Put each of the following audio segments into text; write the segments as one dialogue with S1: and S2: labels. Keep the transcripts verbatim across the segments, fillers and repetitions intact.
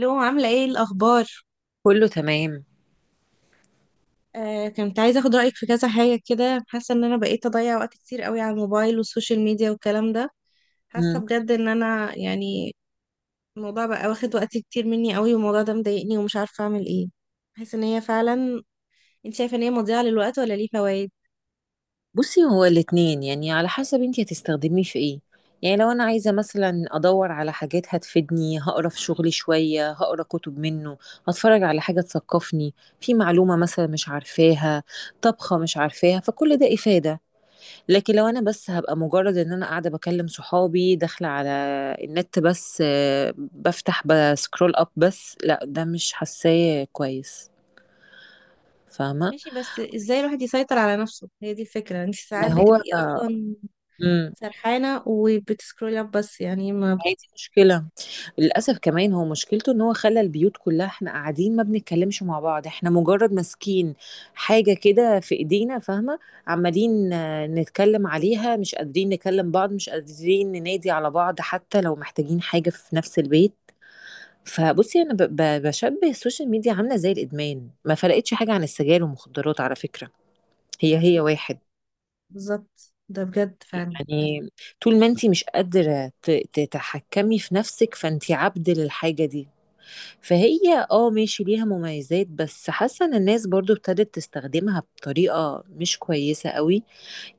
S1: لو عاملة ايه الأخبار؟
S2: كله تمام.
S1: آه، كنت عايزة اخد رأيك في كذا حاجة كده. حاسة ان انا بقيت اضيع وقت كتير قوي على الموبايل والسوشيال ميديا والكلام ده. حاسة
S2: مم.
S1: بجد ان انا يعني الموضوع بقى واخد وقت كتير مني قوي، والموضوع ده مضايقني ومش عارفة اعمل ايه. حاسة ان هي فعلا انت شايفة ان هي مضيعة للوقت ولا ليه فوائد؟
S2: بصي هو الاتنين، يعني على حسب انتي هتستخدميه في ايه. يعني لو انا عايزه مثلا ادور على حاجات هتفيدني، هقرا في شغلي شويه، هقرا كتب منه، هتفرج على حاجه تثقفني، في معلومه مثلا مش عارفاها، طبخه مش عارفاها، فكل ده افاده. لكن لو انا بس هبقى مجرد ان انا قاعده بكلم صحابي، داخله على النت بس، آه، بفتح بسكرول اب بس، لا ده مش حاساه كويس، فاهمه.
S1: ماشي، بس ازاي الواحد يسيطر على نفسه؟ هي دي الفكرة، انت
S2: ما
S1: ساعات بتبقي
S2: هو
S1: اصلا
S2: مم.
S1: سرحانة وبتسكرولي اب بس، يعني ما
S2: ما هي دي مشكلة، للأسف كمان، هو مشكلته إن هو خلّى البيوت كلّها، إحنا قاعدين ما بنتكلّمش مع بعض، إحنا مجرّد ماسكين حاجة كده في إيدينا، فاهمة، عمّالين آه، نتكلّم عليها، مش قادرين نكلّم بعض، مش قادرين ننادي على بعض حتى لو محتاجين حاجة في نفس البيت، فبُصّي أنا ب ب باشبّه السوشيال ميديا عاملة زي الإدمان، ما فرقتش حاجة عن السجاير والمخدرات على فكرة، هي، هي واحد.
S1: بالظبط، ده بجد فعلا.
S2: يعني طول ما أنتِ مش قادرة ت تتحكّمي في نفسِك، فأنتِ عبد للحاجة دي. فهي اه ماشي ليها مميزات، بس حاسه ان الناس برضو ابتدت تستخدمها بطريقه مش كويسه قوي.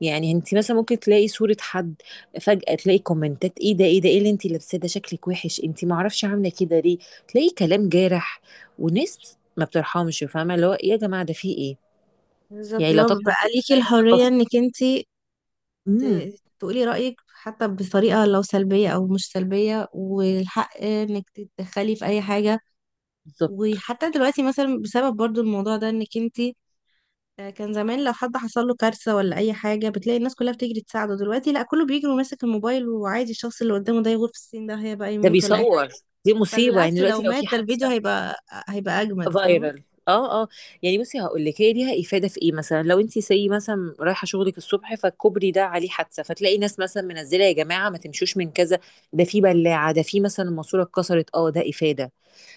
S2: يعني انت مثلا ممكن تلاقي صوره حد، فجاه تلاقي كومنتات ايه ده ايه ده ايه اللي انت لابساه ده، شكلك وحش، انت ما اعرفش عامله كده ليه. تلاقي كلام جارح، وناس ما بترحمش، فاهمه اللي هو إيه يا جماعه ده في ايه.
S1: بالظبط
S2: يعني
S1: اللي
S2: لا
S1: هو
S2: تقل
S1: بيبقى ليكي
S2: متخيله ان
S1: الحرية
S2: قصد.
S1: انك انتي
S2: امم
S1: ت- تقولي رأيك، حتى بطريقة لو سلبية او مش سلبية، والحق انك تتدخلي في اي حاجة.
S2: بالظبط
S1: وحتى دلوقتي مثلا بسبب برضو الموضوع ده، انك انتي آه، كان زمان لو حد حصل له كارثة ولا اي حاجة بتلاقي الناس كلها بتجري تساعده، دلوقتي لا، كله بيجري وماسك الموبايل، وعادي الشخص اللي قدامه ده يغور في السن ده، هي بقى
S2: ده
S1: يموت ولا اي
S2: بيصور،
S1: حاجة،
S2: دي
S1: بل
S2: مصيبه، يعني
S1: بالعكس، لو
S2: دلوقتي لو
S1: مات
S2: في
S1: ده الفيديو
S2: حادثه،
S1: هيبقى هيبقى اجمد، فاهمة؟
S2: فايرال اه اه يعني. بصي هقول لك هي ليها افاده في ايه، مثلا لو انت سي مثلا رايحه شغلك الصبح فالكوبري ده عليه حادثه، فتلاقي ناس مثلا منزله يا جماعه ما تمشوش من كذا، ده في بلاعه، ده في مثلا الماسوره اتكسرت، اه ده افاده.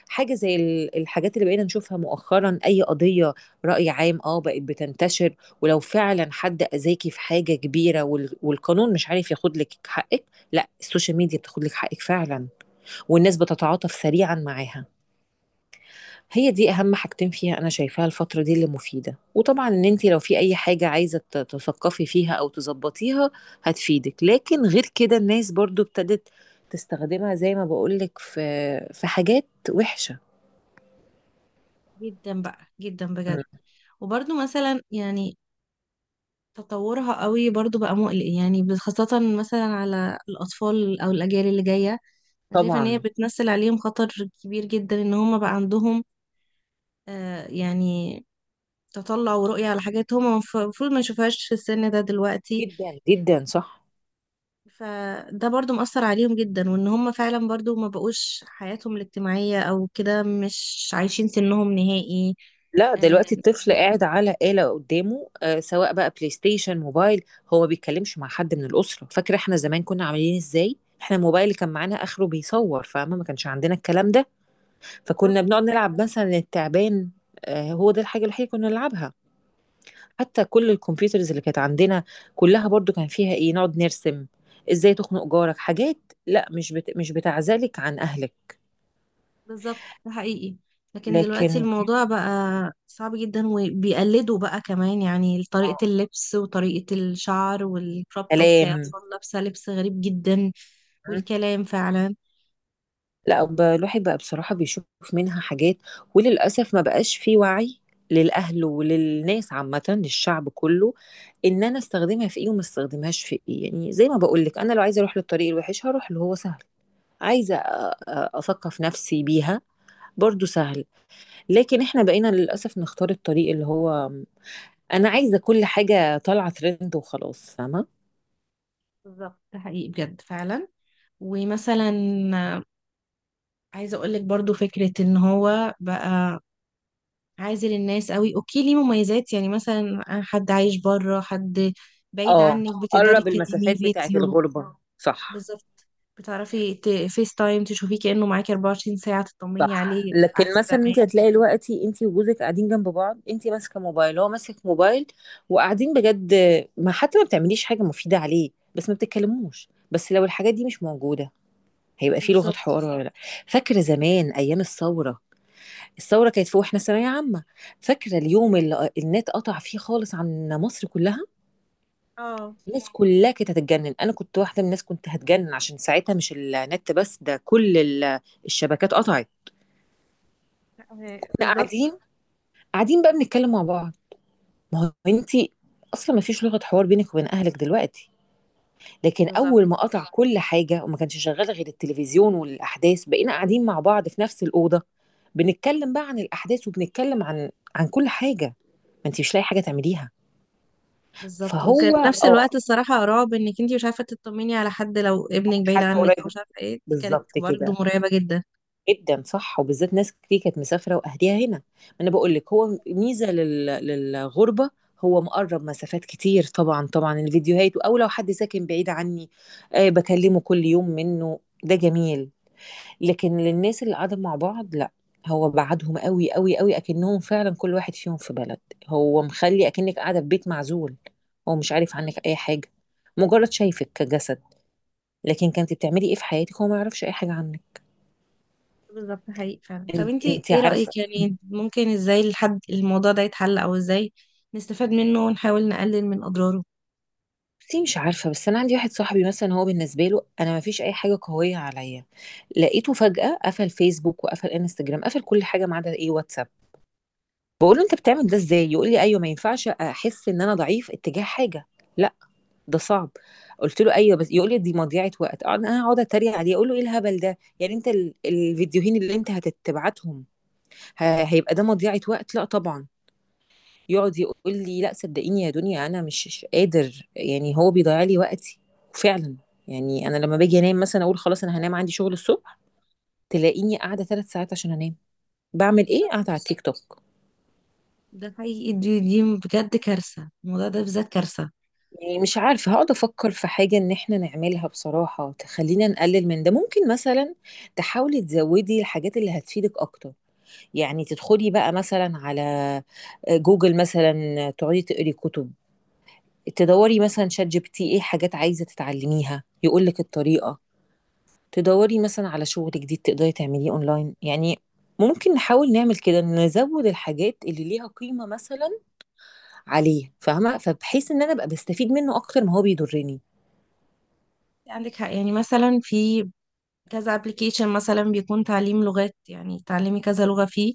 S2: حاجه زي ال- الحاجات اللي بقينا نشوفها مؤخرا، اي قضيه راي عام اه بقت بتنتشر. ولو فعلا حد اذاكي في حاجه كبيره وال- والقانون مش عارف ياخد لك حقك، لا السوشيال ميديا بتاخد لك حقك فعلا، والناس بتتعاطف سريعا معاها. هي دي اهم حاجتين فيها انا شايفاها الفتره دي اللي مفيده. وطبعا ان انت لو في اي حاجه عايزه ت- تثقفي فيها او تظبطيها هتفيدك. لكن غير كده، الناس برضو ابتدت تستخدمها زي ما بقولك في في حاجات وحشه.
S1: جدا بقى، جدا بجد.
S2: مم.
S1: وبرضو مثلا يعني تطورها قوي برضو بقى مقلق، يعني ب- خاصة مثلا على الأطفال أو الأجيال اللي جاية. أنا شايفة إن هي
S2: طبعا،
S1: بتمثل عليهم خطر كبير جدا، إن هما بقى عندهم آه، يعني تطلع ورؤية على حاجات هما مف- المفروض ما يشوفهاش في السن ده دلوقتي.
S2: جدا جدا صح.
S1: فده برضو مأثر عليهم جدا، وإن هما فعلا برضو ما بقوش حياتهم الاجتماعية أو كده، مش عايشين سنهم نهائي.
S2: لا
S1: آه،
S2: دلوقتي الطفل قاعد على آلة قدامه، آه سواء بقى بلاي ستيشن، موبايل، هو بيتكلمش مع حد من الأسرة. فاكرة احنا زمان كنا عاملين ازاي؟ احنا الموبايل اللي كان معانا آخره بيصور، فاهمة، ما كانش عندنا الكلام ده. فكنا
S1: بالظبط.
S2: بنقعد نلعب مثلا التعبان، آه، هو ده الحاجة الوحيدة كنا نلعبها. حتى كل الكمبيوترز اللي كانت عندنا كلها برضو كان فيها ايه، نقعد نرسم، ازاي تخنق جارك، حاجات. لا مش بت... مش بتعزلك عن اهلك.
S1: بالظبط ده حقيقي. لكن دلوقتي
S2: لكن
S1: الموضوع بقى صعب جدا، وبيقلدوا بقى كمان يعني طريقة اللبس وطريقة الشعر والكروب توب، تلاقي
S2: كلام.
S1: أطفال لابسة لبس غريب جدا،
S2: م?
S1: والكلام فعلا.
S2: لا ب- الواحد بقى بصراحة بيشوف منها حاجات. وللأسف ما بقاش في وعي للأهل وللناس عامة، للشعب كله، إن أنا استخدمها في إيه، وما استخدمهاش في إيه. يعني زي ما بقولك، أنا لو عايزة أروح للطريق الوحش، هروح اللي هو سهل. عايزة أ- أ- أثقف نفسي بيها، برضو سهل. لكن احنا بقينا للأسف نختار الطريق اللي هو، أنا عايزة كل حاجة طالعة ترند وخلاص، فاهمة؟
S1: بالظبط ده حقيقي بجد فعلا. ومثلا عايزة أقولك برضو فكرة إن هو بقى عازل الناس قوي. أوكي ليه مميزات، يعني مثلا حد عايش بره، حد بعيد
S2: اه،
S1: عنك بتقدري
S2: قرب
S1: تكلميه
S2: المسافات بتاعت
S1: فيديو.
S2: الغربة، صح.
S1: بالظبط. بتعرفي ت... فيس تايم تشوفيه كأنه معاكي اربعة وعشرين ساعة، تطمني
S2: صح،
S1: عليه
S2: لكن
S1: عكس
S2: مثلا انت
S1: زمان.
S2: هتلاقي دلوقتي انت وجوزك قاعدين جنب بعض، انت ماسكه موبايل، هو ماسك موبايل، وقاعدين بجد ما حتى ما بتعمليش حاجه مفيده عليه، بس ما بتتكلموش. بس لو الحاجات دي مش موجوده، هيبقى في لغه
S1: بالظبط.
S2: حوار ولا لا؟ فاكره زمان ايام الثوره، الثورة كانت في واحنا ثانوية عامة، فاكرة اليوم اللي النت قطع فيه خالص عن مصر كلها.
S1: اه.
S2: الناس كلها كانت هتتجنن، انا كنت واحدة من الناس كنت هتجنن عشان ساعتها مش النت بس، ده كل ال- الشبكات قطعت.
S1: آه،
S2: كنا
S1: بالظبط.
S2: قاعدين، قاعدين بقى بنتكلم مع بعض. ما هو انتي اصلا ما فيش لغة حوار بينك وبين اهلك دلوقتي. لكن اول ما
S1: بالظبط.
S2: قطع كل حاجة وما كانش شغال غير التلفزيون والاحداث، بقينا قاعدين مع بعض في نفس الأوضة، بنتكلم بقى عن الاحداث، وبنتكلم عن عن كل حاجة. ما انتي مش لاقي حاجة تعمليها.
S1: بالظبط،
S2: فهو
S1: وكان في
S2: أيوة.
S1: نفس الوقت
S2: اه،
S1: الصراحة رعب انك انتي مش عارفة تطمني على حد، لو ابنك بعيد
S2: حد
S1: عنك
S2: قريب
S1: او
S2: منك،
S1: مش عارفة ايه، دي كانت
S2: بالظبط
S1: برضه
S2: كده.
S1: مرعبة جدا.
S2: جدا صح، وبالذات ناس كتير كانت مسافره واهليها هنا، ما انا بقول لك هو ميزه لل... للغربه. هو مقرب مسافات كتير، طبعا طبعا الفيديوهات، او لو حد ساكن بعيد عني، آه بكلمه كل يوم، منه ده جميل. لكن للناس اللي قاعده مع بعض لا، هو بعدهم قوي قوي قوي، اكنهم فعلا كل واحد فيهم في بلد. هو مخلي اكنك قاعده في بيت معزول، هو مش عارف عنك اي حاجه، مجرد شايفك كجسد. لكن كنت بتعملي ايه في حياتك، هو ما يعرفش اي حاجه عنك.
S1: بالظبط، حقيقي فعلا. طب
S2: إن-
S1: انتي
S2: انت
S1: ايه
S2: عارفه،
S1: رأيك؟ يعني ممكن ازاي الحد الموضوع ده يتحل، او ازاي نستفاد منه ونحاول نقلل من اضراره؟
S2: بصي مش عارفه. بس انا عندي واحد صاحبي مثلا، هو بالنسبه له انا ما فيش اي حاجه قويه عليا. لقيته فجاه قفل فيسبوك وقفل انستجرام، قفل كل حاجه ما عدا ايه، واتساب. بقول له انت بتعمل ده ازاي؟ يقول لي ايوه ما ينفعش احس ان انا ضعيف اتجاه حاجه. لا ده صعب. قلت له ايوه بس، يقول لي دي مضيعه وقت. أقعد- انا هقعد اتريق عليه، اقول له ايه الهبل ده، يعني انت ال- الفيديوهين اللي انت هتتبعتهم ه- هيبقى ده مضيعه وقت؟ لا طبعا. يقعد يقول لي لا صدقيني يا دنيا، انا مش مش قادر، يعني هو بيضيع لي وقتي. وفعلا، يعني انا لما باجي انام مثلا، اقول خلاص انا هنام، عندي شغل الصبح، تلاقيني قاعده ثلاث ساعات عشان انام. بعمل ايه؟
S1: بالظبط،
S2: قاعده على التيك توك.
S1: ده حقيقي. دي دي بجد كارثة، الموضوع ده بالذات كارثة.
S2: يعني مش عارفه، هقعد افكر في حاجه ان احنا نعملها بصراحه تخلينا نقلل من ده. ممكن مثلا تحاولي تزودي الحاجات اللي هتفيدك اكتر، يعني تدخلي بقى مثلا على، آه، جوجل مثلا، تقعدي تقري كتب، تدوري مثلا شات جي بي تي ايه حاجات عايزة تتعلميها يقولك الطريقة، تدوري مثلا على شغل جديد تقدري تعمليه اونلاين. يعني ممكن نحاول نعمل كده، نزود الحاجات اللي ليها قيمة مثلا عليه، فاهمة؟ فبحيث ان انا ابقى بستفيد منه اكتر ما هو بيضرني.
S1: عندك حق، يعني مثلا في كذا ابلكيشن مثلا بيكون تعليم لغات، يعني تعلمي كذا لغة فيه،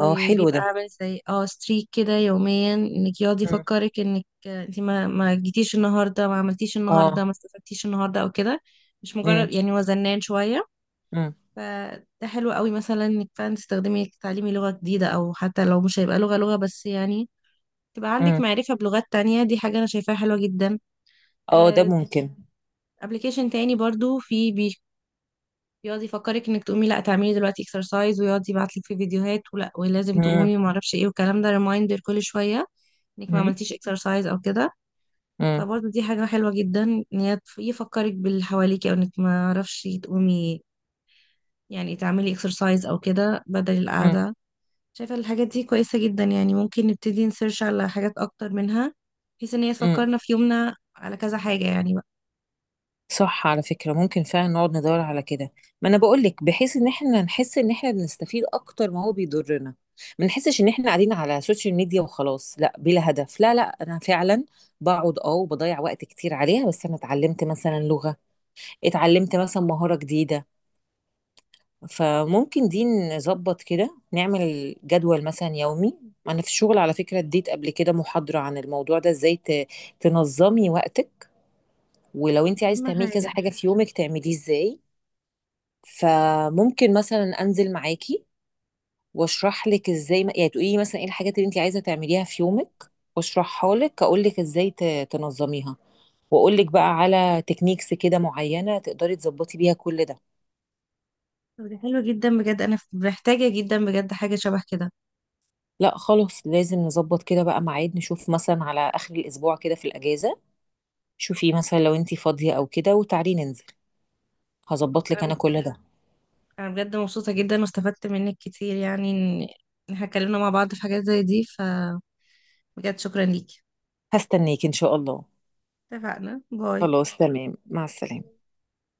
S2: اه حلو ده.
S1: عامل زي اه ستريك كده يوميا، انك يقعد
S2: مم.
S1: يفكرك انك انت ما ما جيتيش النهارده، ما عملتيش
S2: اه.
S1: النهارده، ما استفدتيش النهارده او كده. مش
S2: مم.
S1: مجرد يعني هو زنان شوية.
S2: مم.
S1: فده حلو قوي مثلا انك فعلا تستخدمي تعليمي لغة جديدة، او حتى لو مش هيبقى لغة لغة بس، يعني تبقى عندك
S2: مم.
S1: معرفة بلغات تانية، دي حاجة انا شايفاها حلوة جدا.
S2: اه ده
S1: آه،
S2: ممكن.
S1: ابلكيشن تاني برضو في، يقعد يفكرك انك تقومي، لا تعملي دلوقتي اكسرسايز، ويقعد يبعت لك في فيديوهات ولا ولازم
S2: مم.
S1: تقومي وما اعرفش ايه، والكلام ده ريمايندر كل شويه انك ما
S2: مم.
S1: عملتيش اكسرسايز او كده.
S2: مم.
S1: فبرضه دي حاجه حلوه جدا، ان هي تف- يفكرك باللي حواليكي، او انك ما اعرفش تقومي، يعني تعملي اكسرسايز او كده بدل
S2: مم.
S1: القعده. شايفه الحاجات دي كويسه جدا، يعني ممكن نبتدي نسيرش على حاجات اكتر منها، بحيث ان هي
S2: مم.
S1: تفكرنا في يومنا على كذا حاجه يعني بقى.
S2: صح، على فكرة ممكن فعلا نقعد ندور على كده. ما انا بقول لك، بحيث ان احنا نحس ان احنا بنستفيد اكتر ما هو بيضرنا. ما نحسش ان احنا قاعدين على سوشيال ميديا وخلاص، لا بلا هدف، لا لا. انا فعلا بقعد اه وبضيع وقت كتير عليها، بس انا اتعلمت مثلا لغة، اتعلمت مثلا مهارة جديدة. فممكن دي نظبط كده، نعمل جدول مثلا يومي. انا في الشغل على فكرة اديت قبل كده محاضرة عن الموضوع ده، ازاي ت- تنظمي وقتك، ولو
S1: دي
S2: انت عايز
S1: اهم
S2: تعملي كذا
S1: حاجه.
S2: حاجة في يومك تعمليه ازاي. فممكن مثلا انزل معاكي، واشرح لك ازاي، يعني تقولي لي مثلا ايه الحاجات اللي انت عايزه تعمليها في يومك، واشرحها لك، اقول لك ازاي ت- تنظميها، واقول لك بقى على تكنيكس كده معينه تقدري تظبطي بيها كل ده.
S1: طب دي حلوه جدا بجد، انا محتاجه جدا بجد حاجه شبه كده.
S2: لا خلاص، لازم نظبط كده بقى ميعاد، نشوف مثلا على اخر الاسبوع كده في الاجازه، شوفي مثلا لو انت فاضيه او كده، وتعالي ننزل،
S1: خلاص،
S2: هظبط لك
S1: أنا
S2: انا كل ده.
S1: انا بجد مبسوطة جدا، واستفدت منك كتير، يعني ان إن احنا اتكلمنا مع بعض في حاجات زي دي، فبجد شكرا ليكي.
S2: هستنيك ان شاء الله.
S1: اتفقنا، باي.
S2: خلاص تمام، مع السلامه.